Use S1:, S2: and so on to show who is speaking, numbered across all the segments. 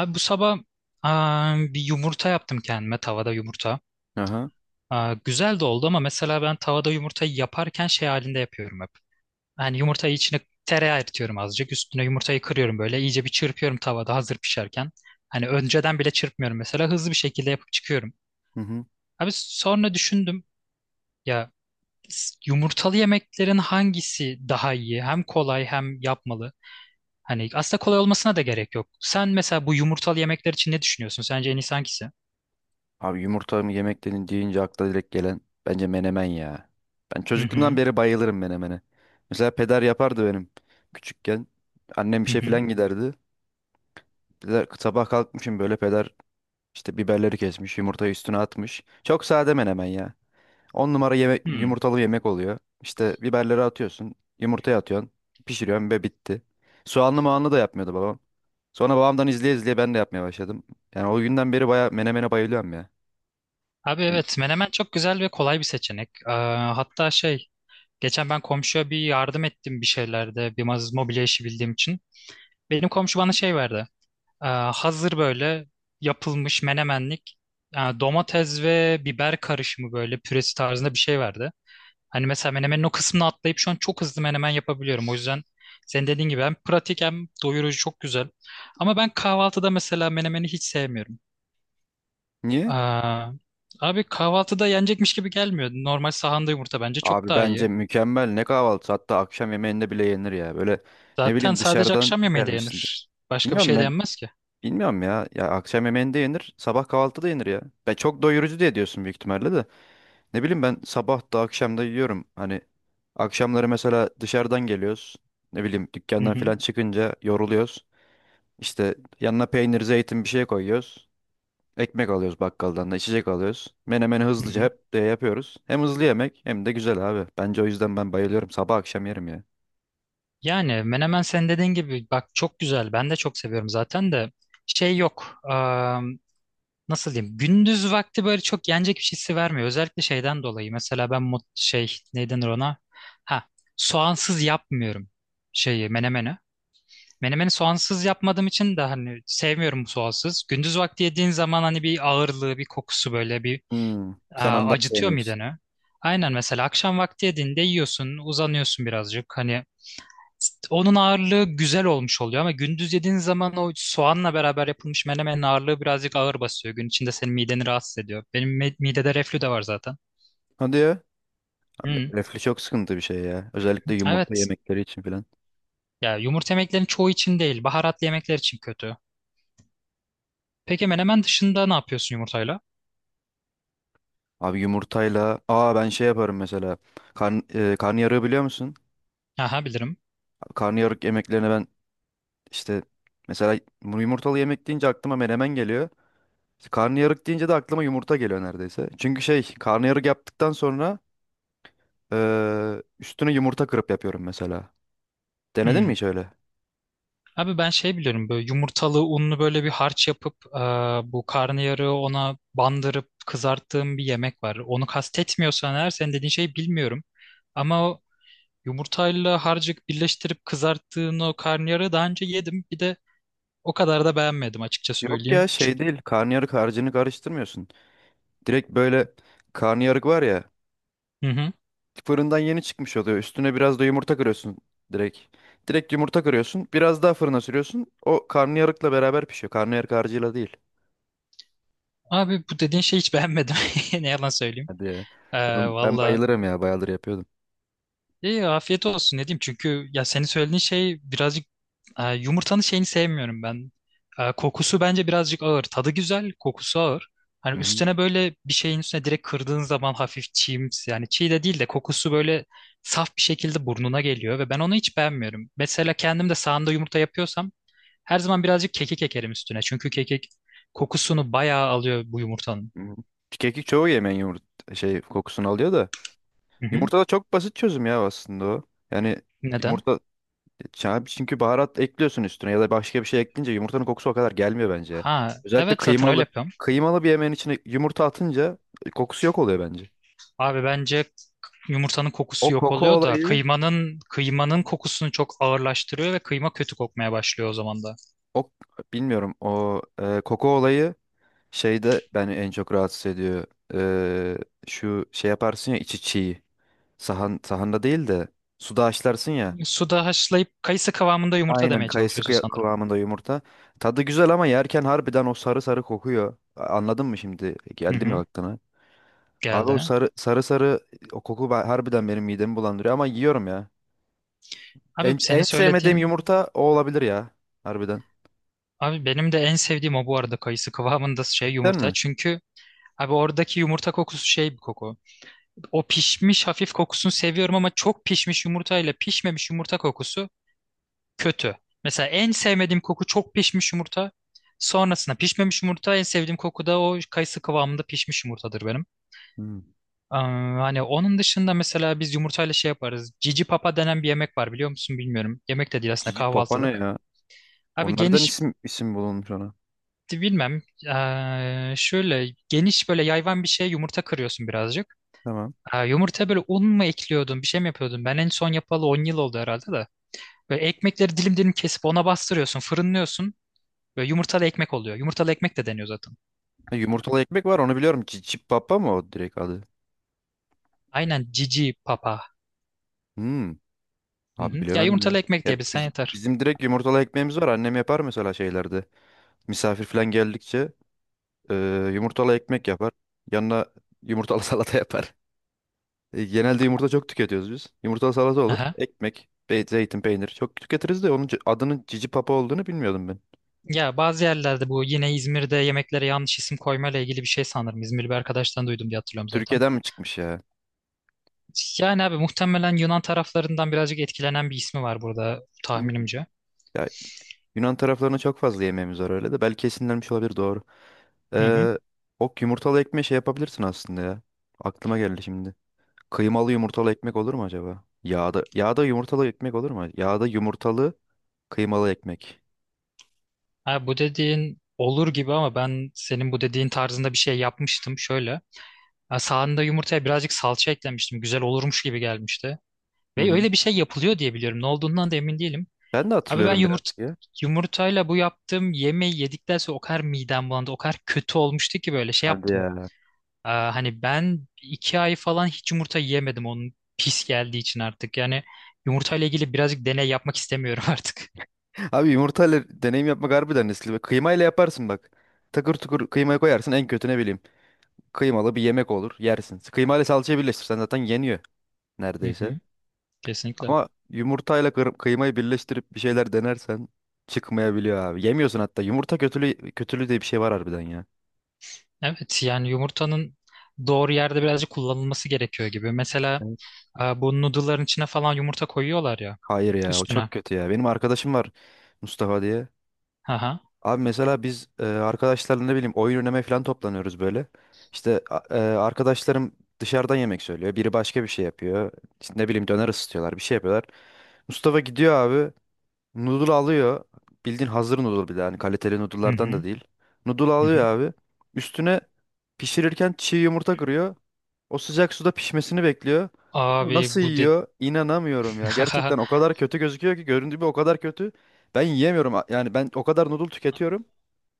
S1: Abi bu sabah bir yumurta yaptım kendime tavada yumurta.
S2: Aha.
S1: Güzel de oldu ama mesela ben tavada yumurtayı yaparken şey halinde yapıyorum hep. Yani yumurtayı içine tereyağı eritiyorum azıcık. Üstüne yumurtayı kırıyorum böyle. İyice bir çırpıyorum tavada hazır pişerken. Hani önceden bile çırpmıyorum mesela. Hızlı bir şekilde yapıp çıkıyorum.
S2: Hı hı.
S1: Abi sonra düşündüm ya yumurtalı yemeklerin hangisi daha iyi? Hem kolay hem yapmalı. Hani aslında kolay olmasına da gerek yok. Sen mesela bu yumurtalı yemekler için ne düşünüyorsun? Sence en iyisi hangisi?
S2: Abi yumurta mı yemek dedin deyince akla direkt gelen bence menemen ya. Ben
S1: Hı
S2: çocukluğumdan
S1: hı.
S2: beri bayılırım menemene. Mesela peder yapardı benim küçükken. Annem
S1: Hı
S2: işe falan
S1: hı.
S2: giderdi. Peder, sabah kalkmışım böyle peder işte biberleri kesmiş, yumurtayı üstüne atmış. Çok sade menemen ya. 10 numara yemek,
S1: Hmm.
S2: yumurtalı yemek oluyor. İşte biberleri atıyorsun. Yumurtaya atıyorsun. Pişiriyorsun ve bitti. Soğanlı mağanlı da yapmıyordu babam. Sonra babamdan izleye izleye ben de yapmaya başladım. Yani o günden beri baya menemene bayılıyorum ya.
S1: Abi
S2: Yani
S1: evet menemen çok güzel ve kolay bir seçenek. Hatta şey geçen ben komşuya bir yardım ettim bir şeylerde bir mobilya işi bildiğim için. Benim komşu bana şey verdi. Hazır böyle yapılmış menemenlik yani domates ve biber karışımı böyle püresi tarzında bir şey verdi. Hani mesela menemenin o kısmını atlayıp şu an çok hızlı menemen yapabiliyorum. O yüzden senin dediğin gibi hem pratik hem doyurucu çok güzel. Ama ben kahvaltıda mesela menemeni hiç sevmiyorum.
S2: niye?
S1: Aa, Abi kahvaltıda yenecekmiş gibi gelmiyor. Normal sahanda yumurta bence çok
S2: Abi
S1: daha
S2: bence
S1: iyi.
S2: mükemmel ne kahvaltısı, hatta akşam yemeğinde bile yenir ya. Böyle ne
S1: Zaten
S2: bileyim
S1: sadece
S2: dışarıdan
S1: akşam yemeği de
S2: gelmişsin.
S1: yenir. Başka bir
S2: Bilmiyorum
S1: şey de
S2: ben,
S1: yenmez ki.
S2: bilmiyorum ya. Ya akşam yemeğinde yenir, sabah kahvaltıda yenir ya. Ya çok doyurucu diye diyorsun büyük ihtimalle de. Ne bileyim ben sabah da akşam da yiyorum. Hani akşamları mesela dışarıdan geliyoruz. Ne bileyim
S1: Hı
S2: dükkandan
S1: hı.
S2: falan çıkınca yoruluyoruz. İşte yanına peynir, zeytin bir şey koyuyoruz. Ekmek alıyoruz bakkaldan da, içecek alıyoruz. Menemeni
S1: Hı
S2: hızlıca
S1: hı.
S2: hep de yapıyoruz. Hem hızlı yemek hem de güzel abi. Bence o yüzden ben bayılıyorum. Sabah akşam yerim ya.
S1: Yani menemen sen dediğin gibi bak çok güzel. Ben de çok seviyorum zaten de şey yok. Nasıl diyeyim? Gündüz vakti böyle çok yenecek bir şeysi vermiyor. Özellikle şeyden dolayı. Mesela ben şey ne denir ona? Ha, soğansız yapmıyorum şeyi menemeni. Menemeni soğansız yapmadığım için de hani sevmiyorum soğansız. Gündüz vakti yediğin zaman hani bir ağırlığı, bir kokusu böyle bir
S2: Hmm, sen ondan
S1: acıtıyor
S2: sevmiyorsun.
S1: mideni. Aynen mesela akşam vakti yediğinde yiyorsun, uzanıyorsun birazcık. Hani onun ağırlığı güzel olmuş oluyor ama gündüz yediğin zaman o soğanla beraber yapılmış menemenin ağırlığı birazcık ağır basıyor. Gün içinde senin mideni rahatsız ediyor. Benim midede reflü de var zaten.
S2: Hadi ya.
S1: Hı.
S2: Reflü çok sıkıntı bir şey ya. Özellikle yumurta
S1: Evet.
S2: yemekleri için filan.
S1: Ya yumurta yemeklerin çoğu için değil, baharatlı yemekler için kötü. Peki menemen dışında ne yapıyorsun yumurtayla?
S2: Abi yumurtayla... ben şey yaparım mesela. Karn, karnıyarığı biliyor musun?
S1: Aha bilirim.
S2: Karnıyarık yemeklerine ben işte... Mesela bu yumurtalı yemek deyince aklıma menemen geliyor. İşte karnıyarık deyince de aklıma yumurta geliyor neredeyse. Çünkü şey karnıyarık yaptıktan sonra üstüne yumurta kırıp yapıyorum mesela. Denedin
S1: Hmm.
S2: mi hiç öyle?
S1: Abi ben şey biliyorum böyle yumurtalı unlu böyle bir harç yapıp bu karnıyarığı ona bandırıp kızarttığım bir yemek var. Onu kastetmiyorsan eğer senin dediğin şeyi bilmiyorum. Ama o yumurtayla harcık birleştirip kızarttığın o karnıyarığı daha önce yedim. Bir de o kadar da beğenmedim açıkça
S2: Yok ya
S1: söyleyeyim.
S2: şey
S1: Çünkü
S2: değil. Karnıyarık harcını karıştırmıyorsun. Direkt böyle karnıyarık var ya.
S1: hı hı.
S2: Fırından yeni çıkmış oluyor. Üstüne biraz da yumurta kırıyorsun direkt. Direkt yumurta kırıyorsun. Biraz daha fırına sürüyorsun. O karnıyarıkla beraber pişiyor. Karnıyarık harcıyla değil.
S1: Abi bu dediğin şeyi hiç beğenmedim. Ne yalan söyleyeyim.
S2: Hadi ya.
S1: E,
S2: Ben
S1: Vallahi
S2: bayılırım ya. Bayılır yapıyordum.
S1: İyi afiyet olsun ne diyeyim çünkü ya senin söylediğin şey birazcık yumurtanın şeyini sevmiyorum ben. Kokusu bence birazcık ağır. Tadı güzel, kokusu ağır. Hani
S2: Hı hı.
S1: üstüne böyle bir şeyin üstüne direkt kırdığın zaman hafif çiğimsi yani çiğ de değil de kokusu böyle saf bir şekilde burnuna geliyor ve ben onu hiç beğenmiyorum. Mesela kendim de sahanda yumurta yapıyorsam her zaman birazcık kekik ekerim üstüne. Çünkü kekik kokusunu bayağı alıyor bu yumurtanın.
S2: Hı hı. Kekik çoğu yemeğin yumurta şey kokusunu alıyor da.
S1: Hı hı.
S2: Yumurta da çok basit çözüm ya aslında o. Yani
S1: Neden?
S2: yumurta, ya çünkü baharat ekliyorsun üstüne ya da başka bir şey ekleyince yumurtanın kokusu o kadar gelmiyor bence.
S1: Ha,
S2: Özellikle
S1: evet zaten öyle
S2: kıymalı
S1: yapıyorum.
S2: kıymalı bir yemeğin içine yumurta atınca kokusu yok oluyor bence.
S1: Abi bence yumurtanın
S2: O
S1: kokusu yok
S2: koku
S1: oluyor da
S2: olayı,
S1: kıymanın kokusunu çok ağırlaştırıyor ve kıyma kötü kokmaya başlıyor o zaman da.
S2: o bilmiyorum o koku olayı şeyde beni en çok rahatsız ediyor. E, şu şey yaparsın ya içi çiğ. Sahanda değil de suda haşlarsın ya.
S1: Suda haşlayıp kayısı kıvamında yumurta
S2: Aynen
S1: demeye
S2: kayısı
S1: çalışıyorsun sanırım.
S2: kıvamında yumurta. Tadı güzel ama yerken harbiden o sarı sarı kokuyor. Anladın mı şimdi?
S1: Hı
S2: Geldi mi
S1: hı.
S2: aklına? Abi o
S1: Geldi.
S2: sarı sarı sarı o koku harbiden benim midemi bulandırıyor ama yiyorum ya.
S1: Abi
S2: En,
S1: senin
S2: en sevmediğim
S1: söylediğin
S2: yumurta o olabilir ya. Harbiden.
S1: abi benim de en sevdiğim o bu arada kayısı kıvamında şey
S2: Cidden
S1: yumurta.
S2: mi?
S1: Çünkü abi oradaki yumurta kokusu şey bir koku. O pişmiş hafif kokusunu seviyorum ama çok pişmiş yumurta ile pişmemiş yumurta kokusu kötü. Mesela en sevmediğim koku çok pişmiş yumurta. Sonrasında pişmemiş yumurta. En sevdiğim koku da o kayısı kıvamında pişmiş yumurtadır benim.
S2: Hmm.
S1: Ee, Hani onun dışında mesela biz yumurtayla şey yaparız. Cici papa denen bir yemek var biliyor musun bilmiyorum. Yemek de değil aslında
S2: Cici papa ne
S1: kahvaltılık.
S2: ya?
S1: Abi
S2: Onlardan
S1: geniş
S2: isim isim bulunmuş ona.
S1: bilmem. Şöyle geniş böyle yayvan bir şeye yumurta kırıyorsun birazcık.
S2: Tamam.
S1: Yumurta böyle un mu ekliyordun bir şey mi yapıyordun? Ben en son yapalı 10 yıl oldu herhalde de. Böyle ekmekleri dilim dilim kesip ona bastırıyorsun, fırınlıyorsun. Böyle yumurtalı ekmek oluyor. Yumurtalı ekmek de deniyor zaten.
S2: Ha, yumurtalı ekmek var, onu biliyorum. Cicip Papa mı o direkt adı?
S1: Aynen cici papa.
S2: Hmm.
S1: Hı
S2: Abi
S1: hı. Ya
S2: bilemedim ya.
S1: yumurtalı ekmek
S2: Ya
S1: diyebilsen yeter.
S2: bizim direkt yumurtalı ekmeğimiz var. Annem yapar mesela şeylerde. Misafir falan geldikçe e, yumurtalı ekmek yapar. Yanına yumurtalı salata yapar. Genelde yumurta çok tüketiyoruz biz. Yumurtalı salata olur.
S1: Aha.
S2: Ekmek, zeytin, peynir çok tüketiriz de onun adının Cici Papa olduğunu bilmiyordum ben.
S1: Ya bazı yerlerde bu yine İzmir'de yemeklere yanlış isim koymayla ilgili bir şey sanırım. İzmirli bir arkadaştan duydum diye hatırlıyorum zaten.
S2: Türkiye'den mi çıkmış ya?
S1: Yani abi muhtemelen Yunan taraflarından birazcık etkilenen bir ismi var burada
S2: Hmm.
S1: tahminimce.
S2: Ya Yunan taraflarına çok fazla yemeğimiz var öyle de belki esinlenmiş olabilir, doğru.
S1: Hı hı.
S2: Ee, o yumurtalı ekmeği şey yapabilirsin aslında ya. Aklıma geldi şimdi. Kıymalı yumurtalı ekmek olur mu acaba? Yağda yumurtalı ekmek olur mu? Yağda yumurtalı kıymalı ekmek.
S1: Abi bu dediğin olur gibi ama ben senin bu dediğin tarzında bir şey yapmıştım şöyle. Ha, sağında yumurtaya birazcık salça eklemiştim. Güzel olurmuş gibi gelmişti.
S2: Hı
S1: Ve
S2: hı.
S1: öyle bir şey yapılıyor diye biliyorum. Ne olduğundan da emin değilim.
S2: Ben de
S1: Abi ben
S2: hatırlıyorum birazcık ya.
S1: yumurtayla bu yaptığım yemeği yedikten sonra o kadar midem bulandı. O kadar kötü olmuştu ki böyle şey
S2: Hadi
S1: yaptım.
S2: ya.
S1: Hani ben 2 ay falan hiç yumurta yemedim onun pis geldiği için artık. Yani yumurtayla ilgili birazcık deney yapmak istemiyorum artık.
S2: Abi yumurtayla deneyim yapmak harbiden riskli. Bak, kıymayla yaparsın bak. Takır tukur kıymayı koyarsın en kötü, ne bileyim. Kıymalı bir yemek olur, yersin. Kıymayla salçayı birleştirsen zaten yeniyor
S1: Hı
S2: neredeyse.
S1: hı, kesinlikle.
S2: Ama yumurtayla kıymayı birleştirip bir şeyler denersen çıkmayabiliyor abi. Yemiyorsun hatta. Yumurta kötülüğü diye bir şey var harbiden ya.
S1: Evet yani yumurtanın doğru yerde birazcık kullanılması gerekiyor gibi. Mesela
S2: Evet.
S1: bu noodle'ların içine falan yumurta koyuyorlar ya
S2: Hayır ya o
S1: üstüne.
S2: çok kötü ya. Benim arkadaşım var Mustafa diye.
S1: Aha.
S2: Abi mesela biz arkadaşlarla ne bileyim oyun oynamaya falan toplanıyoruz böyle. İşte arkadaşlarım dışarıdan yemek söylüyor. Biri başka bir şey yapıyor. İşte ne bileyim döner ısıtıyorlar, bir şey yapıyorlar. Mustafa gidiyor abi. Noodle alıyor. Bildiğin hazır noodle, bir de hani kaliteli
S1: Hı
S2: noodle'lardan da
S1: hı.
S2: değil. Noodle
S1: Hı
S2: alıyor
S1: hı.
S2: abi. Üstüne pişirirken çiğ yumurta kırıyor. O sıcak suda pişmesini bekliyor. Onu nasıl
S1: Abi bu de
S2: yiyor? İnanamıyorum ya. Gerçekten o kadar kötü gözüküyor ki, göründüğü gibi o kadar kötü. Ben yiyemiyorum. Yani ben o kadar noodle tüketiyorum.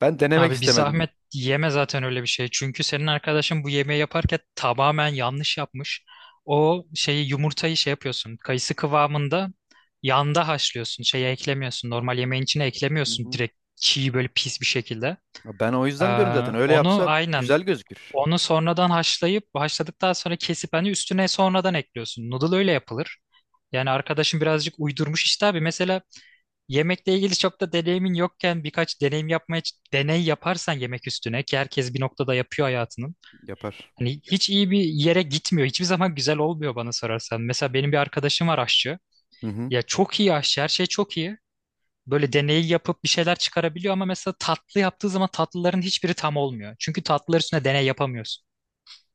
S2: Ben denemek
S1: Abi bir
S2: istemedim.
S1: zahmet yeme zaten öyle bir şey. Çünkü senin arkadaşın bu yemeği yaparken tamamen yanlış yapmış. O şeyi yumurtayı şey yapıyorsun. Kayısı kıvamında yanda haşlıyorsun. Şeye eklemiyorsun. Normal yemeğin içine
S2: Hı
S1: eklemiyorsun.
S2: hı.
S1: Direkt çiğ böyle pis bir şekilde.
S2: Ya ben o
S1: Ee,
S2: yüzden diyorum, zaten öyle
S1: Onu
S2: yapsa
S1: aynen
S2: güzel gözükür.
S1: onu sonradan haşlayıp haşladıktan sonra kesip hani üstüne sonradan ekliyorsun. Noodle öyle yapılır. Yani arkadaşım birazcık uydurmuş işte abi. Mesela yemekle ilgili çok da deneyimin yokken birkaç deneyim yapmaya deney yaparsan yemek üstüne ki herkes bir noktada yapıyor hayatının.
S2: Yapar.
S1: Hani hiç iyi bir yere gitmiyor. Hiçbir zaman güzel olmuyor bana sorarsan. Mesela benim bir arkadaşım var aşçı.
S2: Hı hı.
S1: Ya çok iyi aşçı, her şey çok iyi. Böyle deneyi yapıp bir şeyler çıkarabiliyor ama mesela tatlı yaptığı zaman tatlıların hiçbiri tam olmuyor. Çünkü tatlılar üstüne deney yapamıyorsun.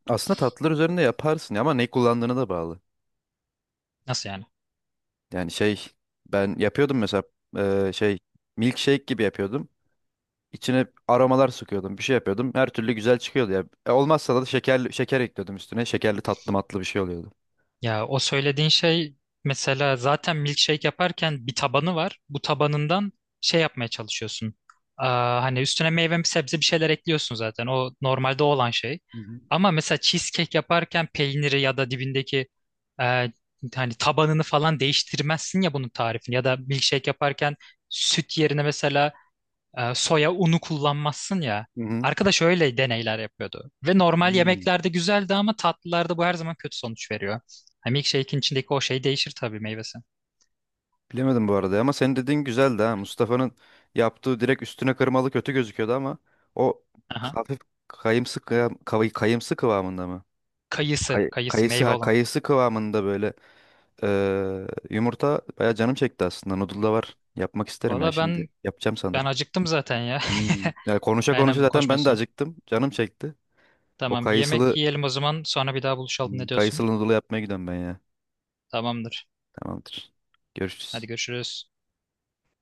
S2: Aslında tatlılar üzerinde yaparsın ama ne kullandığına da bağlı.
S1: Nasıl yani?
S2: Yani şey, ben yapıyordum mesela şey, milkshake gibi yapıyordum. İçine aromalar sıkıyordum, bir şey yapıyordum. Her türlü güzel çıkıyordu ya. Olmazsa da şeker ekliyordum üstüne. Şekerli tatlı matlı bir şey oluyordu.
S1: Ya o söylediğin şey mesela zaten milkshake yaparken bir tabanı var. Bu tabanından şey yapmaya çalışıyorsun. Hani üstüne meyve sebze bir şeyler ekliyorsun zaten. O normalde olan şey.
S2: Hı hı.
S1: Ama mesela cheesecake yaparken peyniri ya da dibindeki e, hani tabanını falan değiştirmezsin ya bunun tarifini. Ya da milkshake yaparken süt yerine mesela soya unu kullanmazsın ya.
S2: Hı hı.
S1: Arkadaş öyle deneyler yapıyordu. Ve normal
S2: Hmm.
S1: yemeklerde güzeldi ama tatlılarda bu her zaman kötü sonuç veriyor. Hani milkshake'in içindeki o şey değişir tabii meyvesi.
S2: Bilemedim bu arada ama senin dediğin güzeldi ha. Mustafa'nın yaptığı direkt üstüne kırmalı kötü gözüküyordu ama o
S1: Aha.
S2: hafif kayımsı kıvamında mı?
S1: Kayısı, kayısı
S2: Kayısı
S1: meyve
S2: ha,
S1: olan.
S2: kayısı kıvamında böyle. Yumurta bayağı canım çekti aslında. Noodle da var. Yapmak isterim ya
S1: Valla
S2: şimdi. Yapacağım
S1: ben
S2: sanırım.
S1: acıktım zaten ya.
S2: Hmm. Ya konuşa konuşa
S1: Aynen bu
S2: zaten ben de
S1: konuşmasına.
S2: acıktım. Canım çekti. O
S1: Tamam bir
S2: kayısılı
S1: yemek yiyelim o zaman sonra bir daha buluşalım
S2: Hmm,
S1: ne diyorsun?
S2: kayısılı noodle yapmaya gidiyorum ben ya.
S1: Tamamdır.
S2: Tamamdır.
S1: Hadi
S2: Görüşürüz.
S1: görüşürüz.